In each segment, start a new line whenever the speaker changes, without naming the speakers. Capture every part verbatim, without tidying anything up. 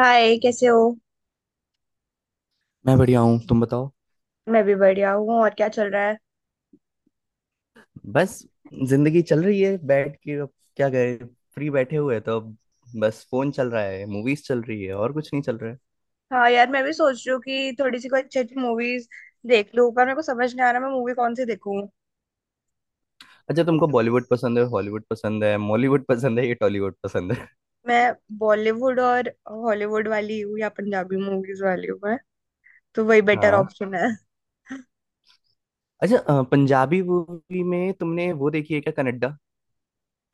हाय कैसे हो।
मैं बढ़िया हूँ। तुम बताओ।
मैं भी बढ़िया हूँ। और क्या चल रहा है।
बस जिंदगी चल रही है बैठ के अब। क्या करे? फ्री बैठे हुए हैं तो अब बस फोन चल रहा है, मूवीज चल रही है, और कुछ नहीं चल रहा है।
हाँ यार, मैं भी सोच रही हूँ कि थोड़ी सी कोई अच्छी अच्छी मूवीज देख लूँ, पर मेरे को समझ नहीं आ रहा मैं मूवी कौन सी देखूँ।
अच्छा, तुमको बॉलीवुड पसंद है, हॉलीवुड पसंद है, मॉलीवुड पसंद है, या टॉलीवुड पसंद है?
मैं बॉलीवुड और हॉलीवुड वाली हूँ या पंजाबी मूवीज वाली हूँ, मैं तो वही बेटर
हाँ।
ऑप्शन है।
अच्छा, अ, पंजाबी मूवी में तुमने वो देखी है क्या, कनाडा?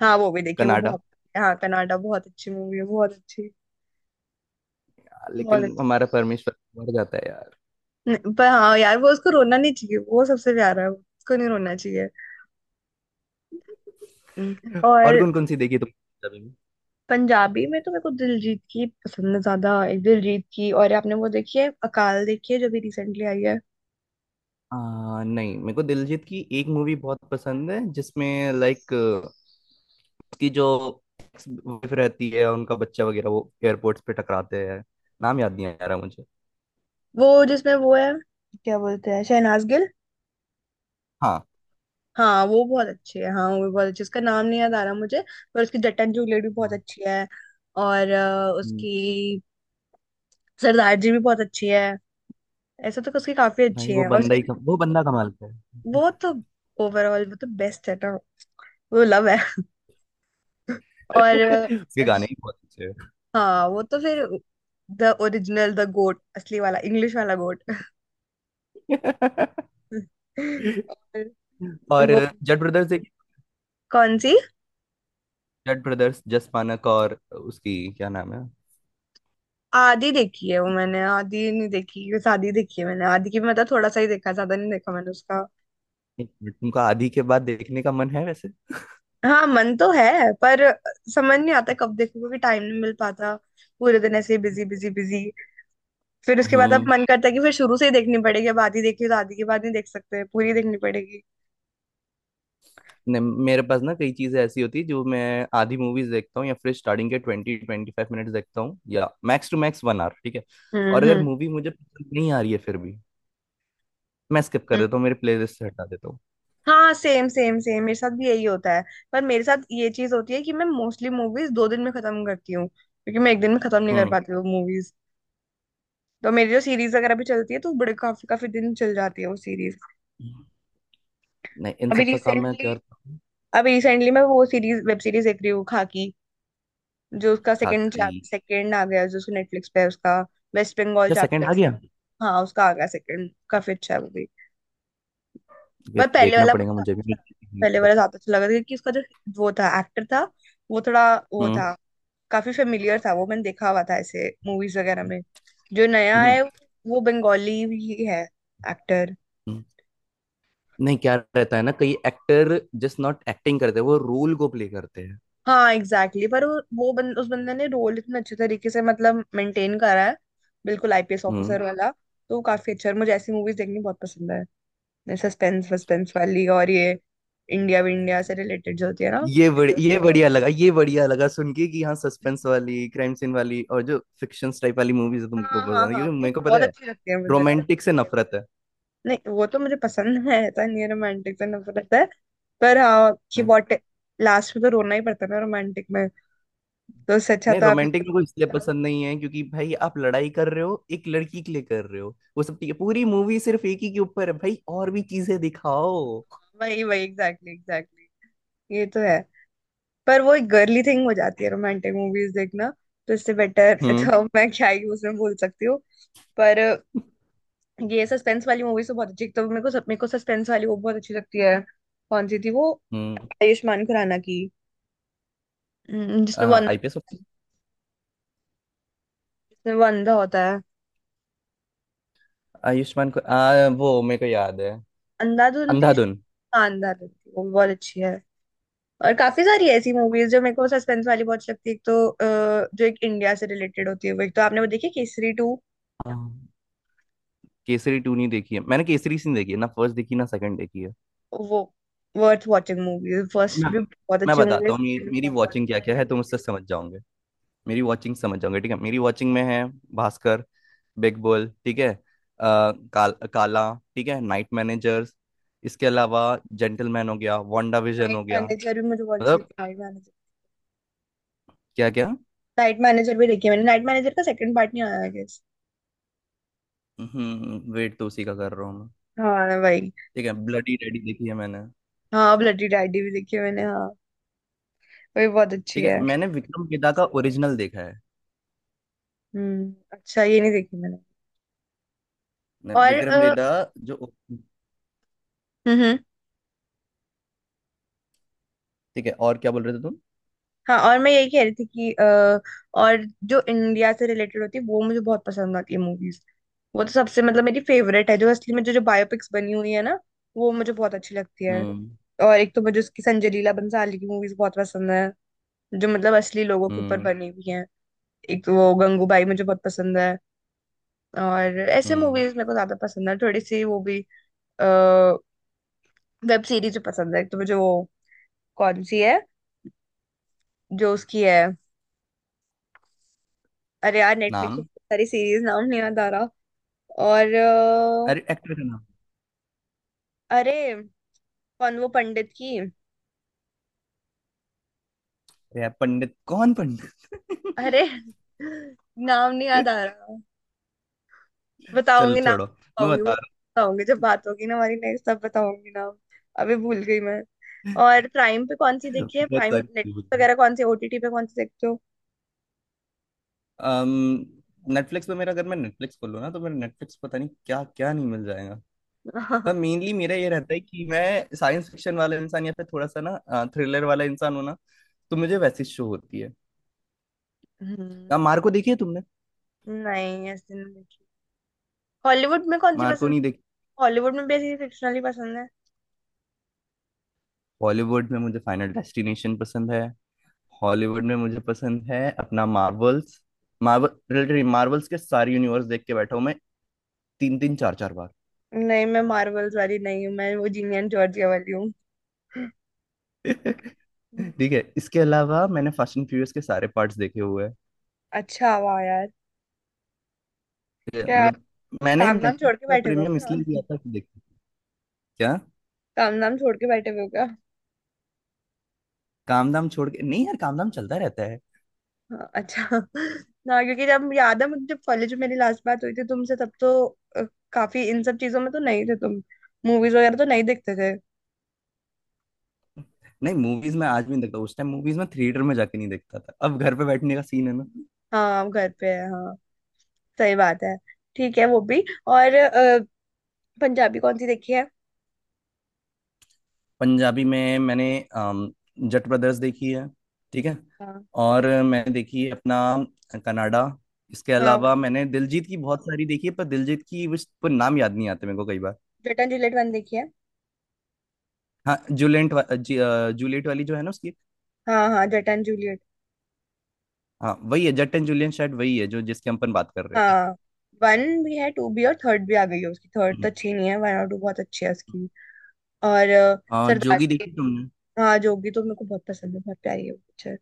हाँ वो भी देखिए वो
कनाडा।
बहुत। हाँ कनाडा बहुत अच्छी मूवी है, बहुत अच्छी। बहुत
लेकिन
अच्छी।
हमारा परमेश्वर मर जाता है यार।
नहीं, पर हाँ यार वो उसको रोना नहीं चाहिए, वो सबसे प्यारा है। उसको नहीं रोना चाहिए। हम्म,
और
और
कौन कौन सी देखी तुमने पंजाबी में?
पंजाबी में तो मेरे को दिलजीत की पसंद है ज्यादा, एक दिलजीत की। और आपने वो देखी है अकाल, देखी है जो भी रिसेंटली आई है।
आ, नहीं, मेरे को दिलजीत की एक मूवी बहुत पसंद है, जिसमें लाइक उसकी जो वाइफ रहती है, उनका बच्चा वगैरह, वो एयरपोर्ट्स पे टकराते हैं। नाम याद नहीं आ रहा मुझे।
वो जिसमें वो है, क्या बोलते हैं, शहनाज गिल।
हाँ,
हाँ वो बहुत अच्छी है। हाँ वो बहुत अच्छी है। उसका नाम नहीं याद आ रहा मुझे। पर उसकी जटन जूलियट भी बहुत
हाँ।
अच्छी है। और अ,
हम्म।
उसकी सरदार जी भी बहुत अच्छी है। ऐसे तो उसकी काफी अच्छी
भाई वो
है और
बंदा
उसकी।
ही कम, वो बंदा कमाल का है।
वो तो ओवरऑल वो तो बेस्ट है ना। वो लव है। और
उसके गाने ही बहुत अच्छे हैं।
हाँ वो तो फिर द ओरिजिनल द गोट, असली वाला इंग्लिश वाला गोट। और
और
वो
जट ब्रदर्स एक,
कौन सी।
जट ब्रदर्स जस मानक और उसकी, क्या नाम है?
आधी देखी है वो मैंने, आधी नहीं देखी, बस आधी देखी है मैंने, आधी की भी मतलब थोड़ा सा ही देखा, ज्यादा नहीं देखा मैंने उसका।
एक मिनट, तुमका आधी के बाद देखने का मन है वैसे?
हाँ मन तो है, पर समझ नहीं आता कब देखूं क्योंकि टाइम नहीं मिल पाता। पूरे दिन ऐसे बिजी बिजी बिजी, फिर उसके बाद अब
हम्म।
मन करता है कि फिर शुरू से ही देखनी पड़ेगी, अब आधी देखी तो आधी के बाद नहीं देख सकते, पूरी देखनी पड़ेगी।
नहीं, मेरे पास ना कई चीज़ें ऐसी होती है जो मैं आधी मूवीज देखता हूँ, या फिर स्टार्टिंग के ट्वेंटी ट्वेंटी फाइव मिनट्स देखता हूँ, या max to max one hour, ठीक है।
हम्म
और अगर
हम्म।
मूवी मुझे पसंद नहीं आ रही है फिर भी, मैं स्किप कर देता हूँ, मेरे प्लेलिस्ट से हटा देता हूँ।
हाँ, सेम सेम सेम मेरे साथ भी यही होता है। पर मेरे साथ ये चीज होती है कि मैं मोस्टली मूवीज दो दिन में खत्म करती हूँ, क्योंकि मैं एक दिन में खत्म नहीं कर
हम्म।
पाती हूँ मूवीज। तो मेरी जो सीरीज वगैरह भी चलती है तो बड़े काफी काफी दिन चल जाती है वो सीरीज।
नहीं, इन
अभी
सब का काम मैं क्या
रिसेंटली
करता हूँ।
अभी रिसेंटली मैं वो सीरीज, वेब सीरीज, देख रही हूँ, खाकी। जो उसका सेकंड,
खाकी?
सेकंड आ गया जो, उसको नेटफ्लिक्स पे है, उसका वेस्ट बंगाल
या सेकंड
चैप्टर।
आ गया?
हाँ उसका आ गया सेकंड, काफी अच्छा है वो भी।
ये
पर पहले
देखना
वाला मुझे
पड़ेगा,
ज्यादा
मुझे भी
अच्छा लगा।
नहीं
पहले
पता
वाला
चला।
ज्यादा अच्छा लगा क्योंकि उसका जो वो था, एक्टर था, वो थोड़ा वो
हम्म।
था, काफी फेमिलियर था, वो मैंने देखा हुआ था ऐसे मूवीज वगैरह में। जो नया
हम्म। हम्म।
है वो बंगाली ही है, एक्टर।
हम्म। नहीं, क्या रहता है ना, कई एक्टर जस्ट नॉट एक्टिंग करते, वो रोल को प्ले करते हैं।
हाँ एग्जैक्टली exactly, पर वो वो बन, उस बंदे ने रोल इतने अच्छे तरीके से मतलब मेंटेन करा है, बिल्कुल आईपीएस
हम्म।
ऑफिसर वाला, तो वो काफी अच्छा है। और मुझे ऐसी मूवीज देखनी बहुत पसंद है, सस्पेंस वस्पेंस वाली, और ये इंडिया विंडिया से रिलेटेड जो होती है ना।
ये बड़, ये बढ़िया लगा ये बढ़िया लगा सुन के कि हाँ, सस्पेंस वाली, क्राइम सीन वाली, और जो फिक्शन टाइप वाली मूवीज
हाँ
तुमको
हाँ
पसंद है,
हाँ
क्योंकि
वो
मेरे को
बहुत
पता है।
अच्छी लगती है मुझे।
रोमांटिक से नफरत है।
नहीं वो तो मुझे पसंद है, ऐसा नहीं रोमांटिक से नफरत रहता है। पर हाँ कि
हाँ।
वॉट, लास्ट में तो रोना ही पड़ता है ना रोमांटिक में, तो उससे अच्छा
नहीं,
तो आप।
रोमांटिक मेरे को इसलिए पसंद नहीं है क्योंकि भाई, आप लड़ाई कर रहे हो, एक लड़की के लिए कर रहे हो, वो सब ठीक है, पूरी मूवी सिर्फ एक ही के ऊपर है। भाई, और भी चीजें दिखाओ।
वही वही एग्जैक्टली एग्जैक्टली। ये तो है। पर वो एक गर्ली थिंग हो जाती है रोमांटिक मूवीज देखना, तो इससे बेटर
हम्म।
तो मैं क्या ही उसमें बोल सकती हूँ। पर ये सस्पेंस वाली मूवीज तो बहुत अच्छी, तो मेरे को मेरे को सस्पेंस वाली वो बहुत अच्छी लगती है। कौन सी थी वो
हम्म।
आयुष्मान खुराना की। हम्म, जिसमें वो अंधा,
आई पी आई।
जिसमें वो अंधा होता,
आयुष्मान को, आ, वो मेरे को याद है,
अंधाधुन थी,
अंधाधुन।
शानदार थी। वो भी बहुत अच्छी है। और काफी सारी ऐसी मूवीज जो मेरे को सस्पेंस वाली बहुत अच्छी लगती है। एक तो अ, जो एक इंडिया से रिलेटेड होती है वो, एक तो आपने वो देखी केसरी टू।
हाँ। केसरी टू नहीं देखी है मैंने, केसरी सीन देखी है, ना फर्स्ट देखी ना सेकंड देखी है।
वो वर्थ वॉचिंग मूवी, फर्स्ट
मैं
भी बहुत
मैं
अच्छी मूवी
बताता हूँ मेरी, मेरी
है।
वॉचिंग क्या क्या है, तुम उससे समझ जाओगे। मेरी वॉचिंग समझ जाओगे, ठीक है। मेरी वॉचिंग में है भास्कर, बिग बुल, ठीक है, आ, काल, काला, ठीक है, नाइट मैनेजर्स, इसके अलावा जेंटलमैन हो गया, वांडा विजन
नाइट
हो गया।
मैनेजर भी मुझे बहुत अच्छी
मतलब,
लगती है, नाइट मैनेजर।
क्या क्या।
नाइट मैनेजर भी देखी है मैंने, नाइट मैनेजर का सेकंड पार्ट नहीं आया गेस।
हम्म, वेट तो उसी का कर रहा हूँ मैं।
हाँ भाई।
ठीक है, ब्लडी रेडी देखी है मैंने।
हाँ ब्लडी डैडी भी देखी है मैंने, हाँ वो भी बहुत अच्छी
ठीक है,
है।
मैंने विक्रम वेदा का ओरिजिनल देखा है।
हम्म, अच्छा ये नहीं देखी मैंने।
मैं-
और
विक्रम
अ,
वेदा जो,
हम्म।
ठीक है। और क्या बोल रहे थे तुम?
हाँ और मैं यही कह रही थी कि अ, और जो इंडिया से रिलेटेड होती है वो मुझे बहुत पसंद आती है मूवीज। वो तो सबसे मतलब मेरी फेवरेट है, जो असली में जो जो बायोपिक्स बनी हुई है ना, वो मुझे बहुत अच्छी लगती है।
हम्म।
और एक तो मुझे उसकी संजय लीला बंसाली की मूवीज बहुत पसंद है, जो मतलब असली लोगों के ऊपर
हम्म।
बनी हुई है। एक तो वो गंगूबाई मुझे बहुत पसंद है। और ऐसे
हम्म।
मूवीज मेरे को ज्यादा पसंद है, थोड़ी सी वो भी वेब सीरीज पसंद है। एक तो मुझे वो कौन सी है जो उसकी है, अरे यार नेटफ्लिक्स पे
नाम?
बहुत सारी सीरीज, नाम नहीं याद आ रहा। और अ,
अरे, एक्टर का नाम।
अरे कौन वो पंडित की,
अरे यार, पंडित कौन पंडित?
अरे नाम नहीं याद आ रहा।
चलो
बताऊंगी, नाम
छोड़ो, मैं
बताऊंगी, वो
बता रहा
बताऊंगी जब बात होगी ना हमारी नेक्स्ट, तब बताऊंगी नाम। अभी भूल गई मैं।
हूँ।
और प्राइम पे कौन सी देखी है,
बहुत
प्राइम
सारी चीजें
नेटफ्लिक्स
होती हैं।
वगैरह कौन सी, ओटीटी पे कौन सी देखते हो।
अम्म नेटफ्लिक्स पे मेरा, अगर मैं नेटफ्लिक्स खोलूँ ना, तो मेरा नेटफ्लिक्स पता नहीं क्या क्या नहीं मिल जाएगा।
हम्म,
मेनली मेरा ये रहता है कि मैं साइंस फिक्शन वाला इंसान या फिर थोड़ा सा ना थ्रिलर वाला इंसान हूँ ना, तो मुझे वैसी शो होती है। अब मार्को देखी है तुमने?
नहीं ऐसे नहीं देखी। हॉलीवुड में कौन सी पसंद
मार्को नहीं
है?
देखी।
हॉलीवुड में बेसिकली फिक्शनल ही पसंद है।
बॉलीवुड में मुझे फाइनल डेस्टिनेशन पसंद है। हॉलीवुड में मुझे पसंद है अपना मार्वल्स। मार्वल रिलेटेड, मार्वल्स के सारे यूनिवर्स देख के बैठा हूं मैं तीन तीन, चार चार बार।
नहीं मैं मार्वल्स वाली नहीं हूँ, मैं वो जीनियन जॉर्जिया वाली हूँ।
ठीक है, इसके अलावा मैंने फास्ट एंड फ्यूरियस के सारे पार्ट्स देखे हुए हैं।
अच्छा वाह यार।
ठीक है,
क्या,
मतलब मैंने
काम नाम
नेटफ्लिक्स
छोड़ के
का
बैठे हुए हो
प्रीमियम इसलिए
क्या।
लिया था कि देखो। क्या?
काम नाम छोड़ के बैठे हुए हो क्या।
काम धाम छोड़ के नहीं यार, काम धाम चलता रहता है।
हाँ, अच्छा। ना क्योंकि जब याद है मुझे, जब कॉलेज में मेरी लास्ट बात हुई थी तुमसे, तब तो अ, काफी इन सब चीजों में तो नहीं थे तुम, मूवीज वगैरह तो नहीं देखते थे।
नहीं, मूवीज में आज भी नहीं देखता, उस टाइम मूवीज में थिएटर में जाके नहीं देखता था, अब घर पे बैठने का सीन है ना।
हाँ हम घर पे है, हाँ सही बात है। ठीक है वो भी। और अ, पंजाबी कौन सी देखी है।
पंजाबी में मैंने अम, जट ब्रदर्स देखी है, ठीक है।
हाँ
और मैंने देखी है अपना कनाडा। इसके
हाँ वो
अलावा
भी।
मैंने दिलजीत की बहुत सारी देखी है, पर दिलजीत की उस पर नाम याद नहीं आते मेरे को कई बार।
जटन जूलियट वन देखी है।
हाँ, जूलेंट वा, जी, अ, जूलियट वाली जो है ना उसकी।
हाँ हाँ जटन जूलियट।
हाँ वही है, जट एंड जूलियन शायद वही है जो जिसके हम अपन बात कर रहे थे।
हाँ वन भी है, टू भी, और थर्ड भी आ गई है उसकी। थर्ड तो
हम्म।
अच्छी नहीं है, वन और टू बहुत अच्छी है उसकी। और अ,
आ,
सरदार।
जोगी देखी तुमने?
हाँ जोगी तो मेरे को बहुत पसंद है, बहुत प्यारी है वो पिक्चर।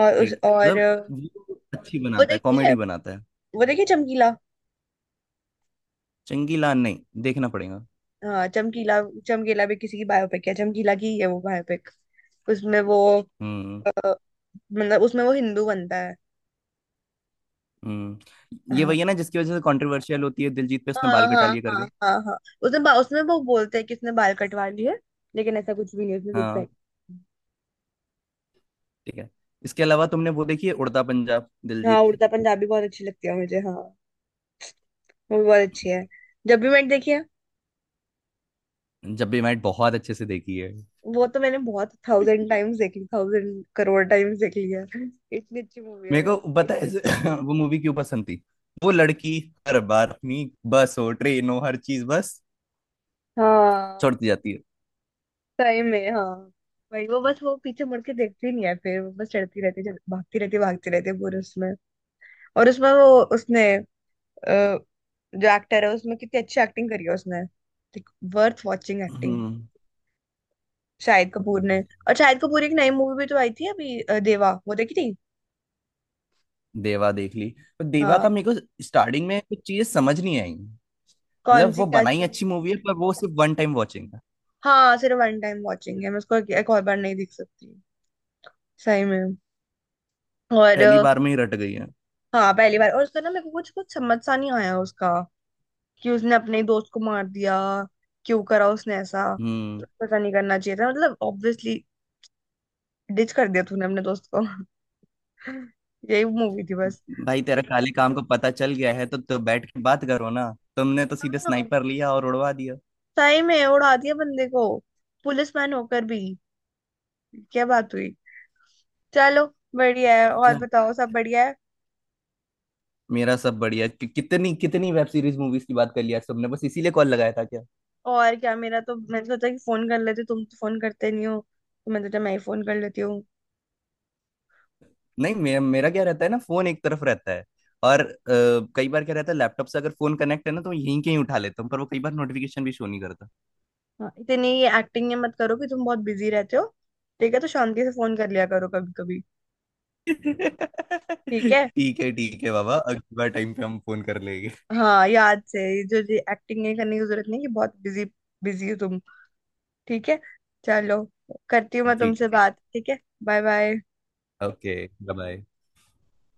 और उस
ठीक है,
और अ,
मतलब वो अच्छी
वो
बनाता है,
देखी है,
कॉमेडी बनाता है।
वो देखिए चमकीला।
चंगीलाल नहीं? देखना पड़ेगा।
हाँ चमकीला। चमकीला भी किसी की बायोपिक है, चमकीला की ही है वो बायोपिक। उसमें वो
हम्म।
अ, मतलब उसमें वो हिंदू बनता है।
हम्म, ये
हाँ
वही है ना जिसकी वजह से कंट्रोवर्शियल होती है दिलजीत पे, उसने
हाँ
बाल कटा
हाँ
लिए करके।
हाँ हाँ हाँ। उसमें बा, उसमें वो बोलते हैं कि उसने बाल कटवा लिए, लेकिन ऐसा कुछ भी नहीं, उसने विग पहन।
हाँ। ठीक है, इसके अलावा तुमने वो देखी है उड़ता पंजाब
हाँ
दिलजीत की?
उड़ता पंजाबी बहुत अच्छी लगती है मुझे, हाँ वो भी बहुत अच्छी है। जब भी मैंने देखी है,
जब भी मैट बहुत अच्छे से देखी
वो तो मैंने बहुत
है।
थाउजेंड टाइम्स देख ली, थाउजेंड करोड़ टाइम्स देख ली है। इतनी अच्छी मूवी है
मेरे को
वो।
पता है वो मूवी क्यों पसंद थी। वो लड़की हर बार अपनी बस हो, ट्रेन हो, हर चीज बस
हाँ
छोड़ती जाती है।
सही में। हाँ भाई वो बस, वो पीछे मुड़ के देखती नहीं है, फिर वो बस चढ़ती रहती है, चढ़- भागती रहती है, भागती रहती है पूरे उसमें। और उसमें वो उसने अ, जो एक्टर है उसमें, कितनी अच्छी एक्टिंग करी है उसने, worth watching acting,
hmm.
Shahid Kapoor ने। और शाहिद कपूर की एक नई मूवी भी तो आई थी अभी, अ, देवा, वो देखी थी।
देवा देख ली, पर देवा
हाँ
का मेरे को स्टार्टिंग में कुछ चीजें समझ नहीं आई।
कौन
मतलब,
सी
वो
क्या।
बनाई अच्छी मूवी है, पर वो सिर्फ वन टाइम वॉचिंग है।
हाँ सिर्फ वन टाइम वॉचिंग है, मैं उसको एक एक और बार नहीं देख सकती, सही में। और अ,
पहली बार में ही रट गई है।
हाँ पहली बार। और उसका ना मेरे को कुछ कुछ समझ सा नहीं आया उसका, कि उसने अपने दोस्त को मार दिया, क्यों करा उसने ऐसा,
हम्म।
पता नहीं, करना चाहिए था मतलब ऑब्वियसली, डिच कर दिया तूने अपने दोस्त को। यही मूवी थी बस।
भाई तेरा काले काम को पता चल गया है तो, तो, बैठ के बात करो ना। तुमने तो सीधे
हाँ
स्नाइपर लिया और उड़वा दिया।
सही में उड़ा दिया बंदे को, पुलिसमैन होकर भी, क्या बात हुई। चलो बढ़िया है, और
क्या,
बताओ सब बढ़िया है।
मेरा सब बढ़िया कि, कितनी कितनी वेब सीरीज मूवीज की बात कर लिया तुमने? बस इसीलिए कॉल लगाया था।
और क्या, मेरा तो, मैंने सोचा कि फोन कर लेते तुम, तो फोन करते नहीं हो, तो मैंने सोचा मैं ही फोन कर लेती हूँ।
नहीं, मेरा मेरा क्या रहता है ना, फोन एक तरफ रहता है। और अ, कई बार क्या रहता है, लैपटॉप से अगर फोन कनेक्ट है ना, तो यहीं कहीं उठा लेता हूँ, पर वो कई बार नोटिफिकेशन भी शो नहीं करता।
हाँ, इतनी ये एक्टिंग ये मत करो कि तुम बहुत बिजी रहते हो, ठीक है, तो शांति से फोन कर लिया करो कभी कभी। ठीक है।
ठीक है, ठीक है बाबा, अगली बार टाइम पे हम फोन कर लेंगे।
हाँ याद से ये, जो ये एक्टिंग नहीं करने की जरूरत नहीं कि बहुत बिजी, बिजी हो तुम। ठीक है। चलो, करती हूँ मैं
ठीक
तुमसे
है।
बात, ठीक है। Bye bye.
ओके। बाय।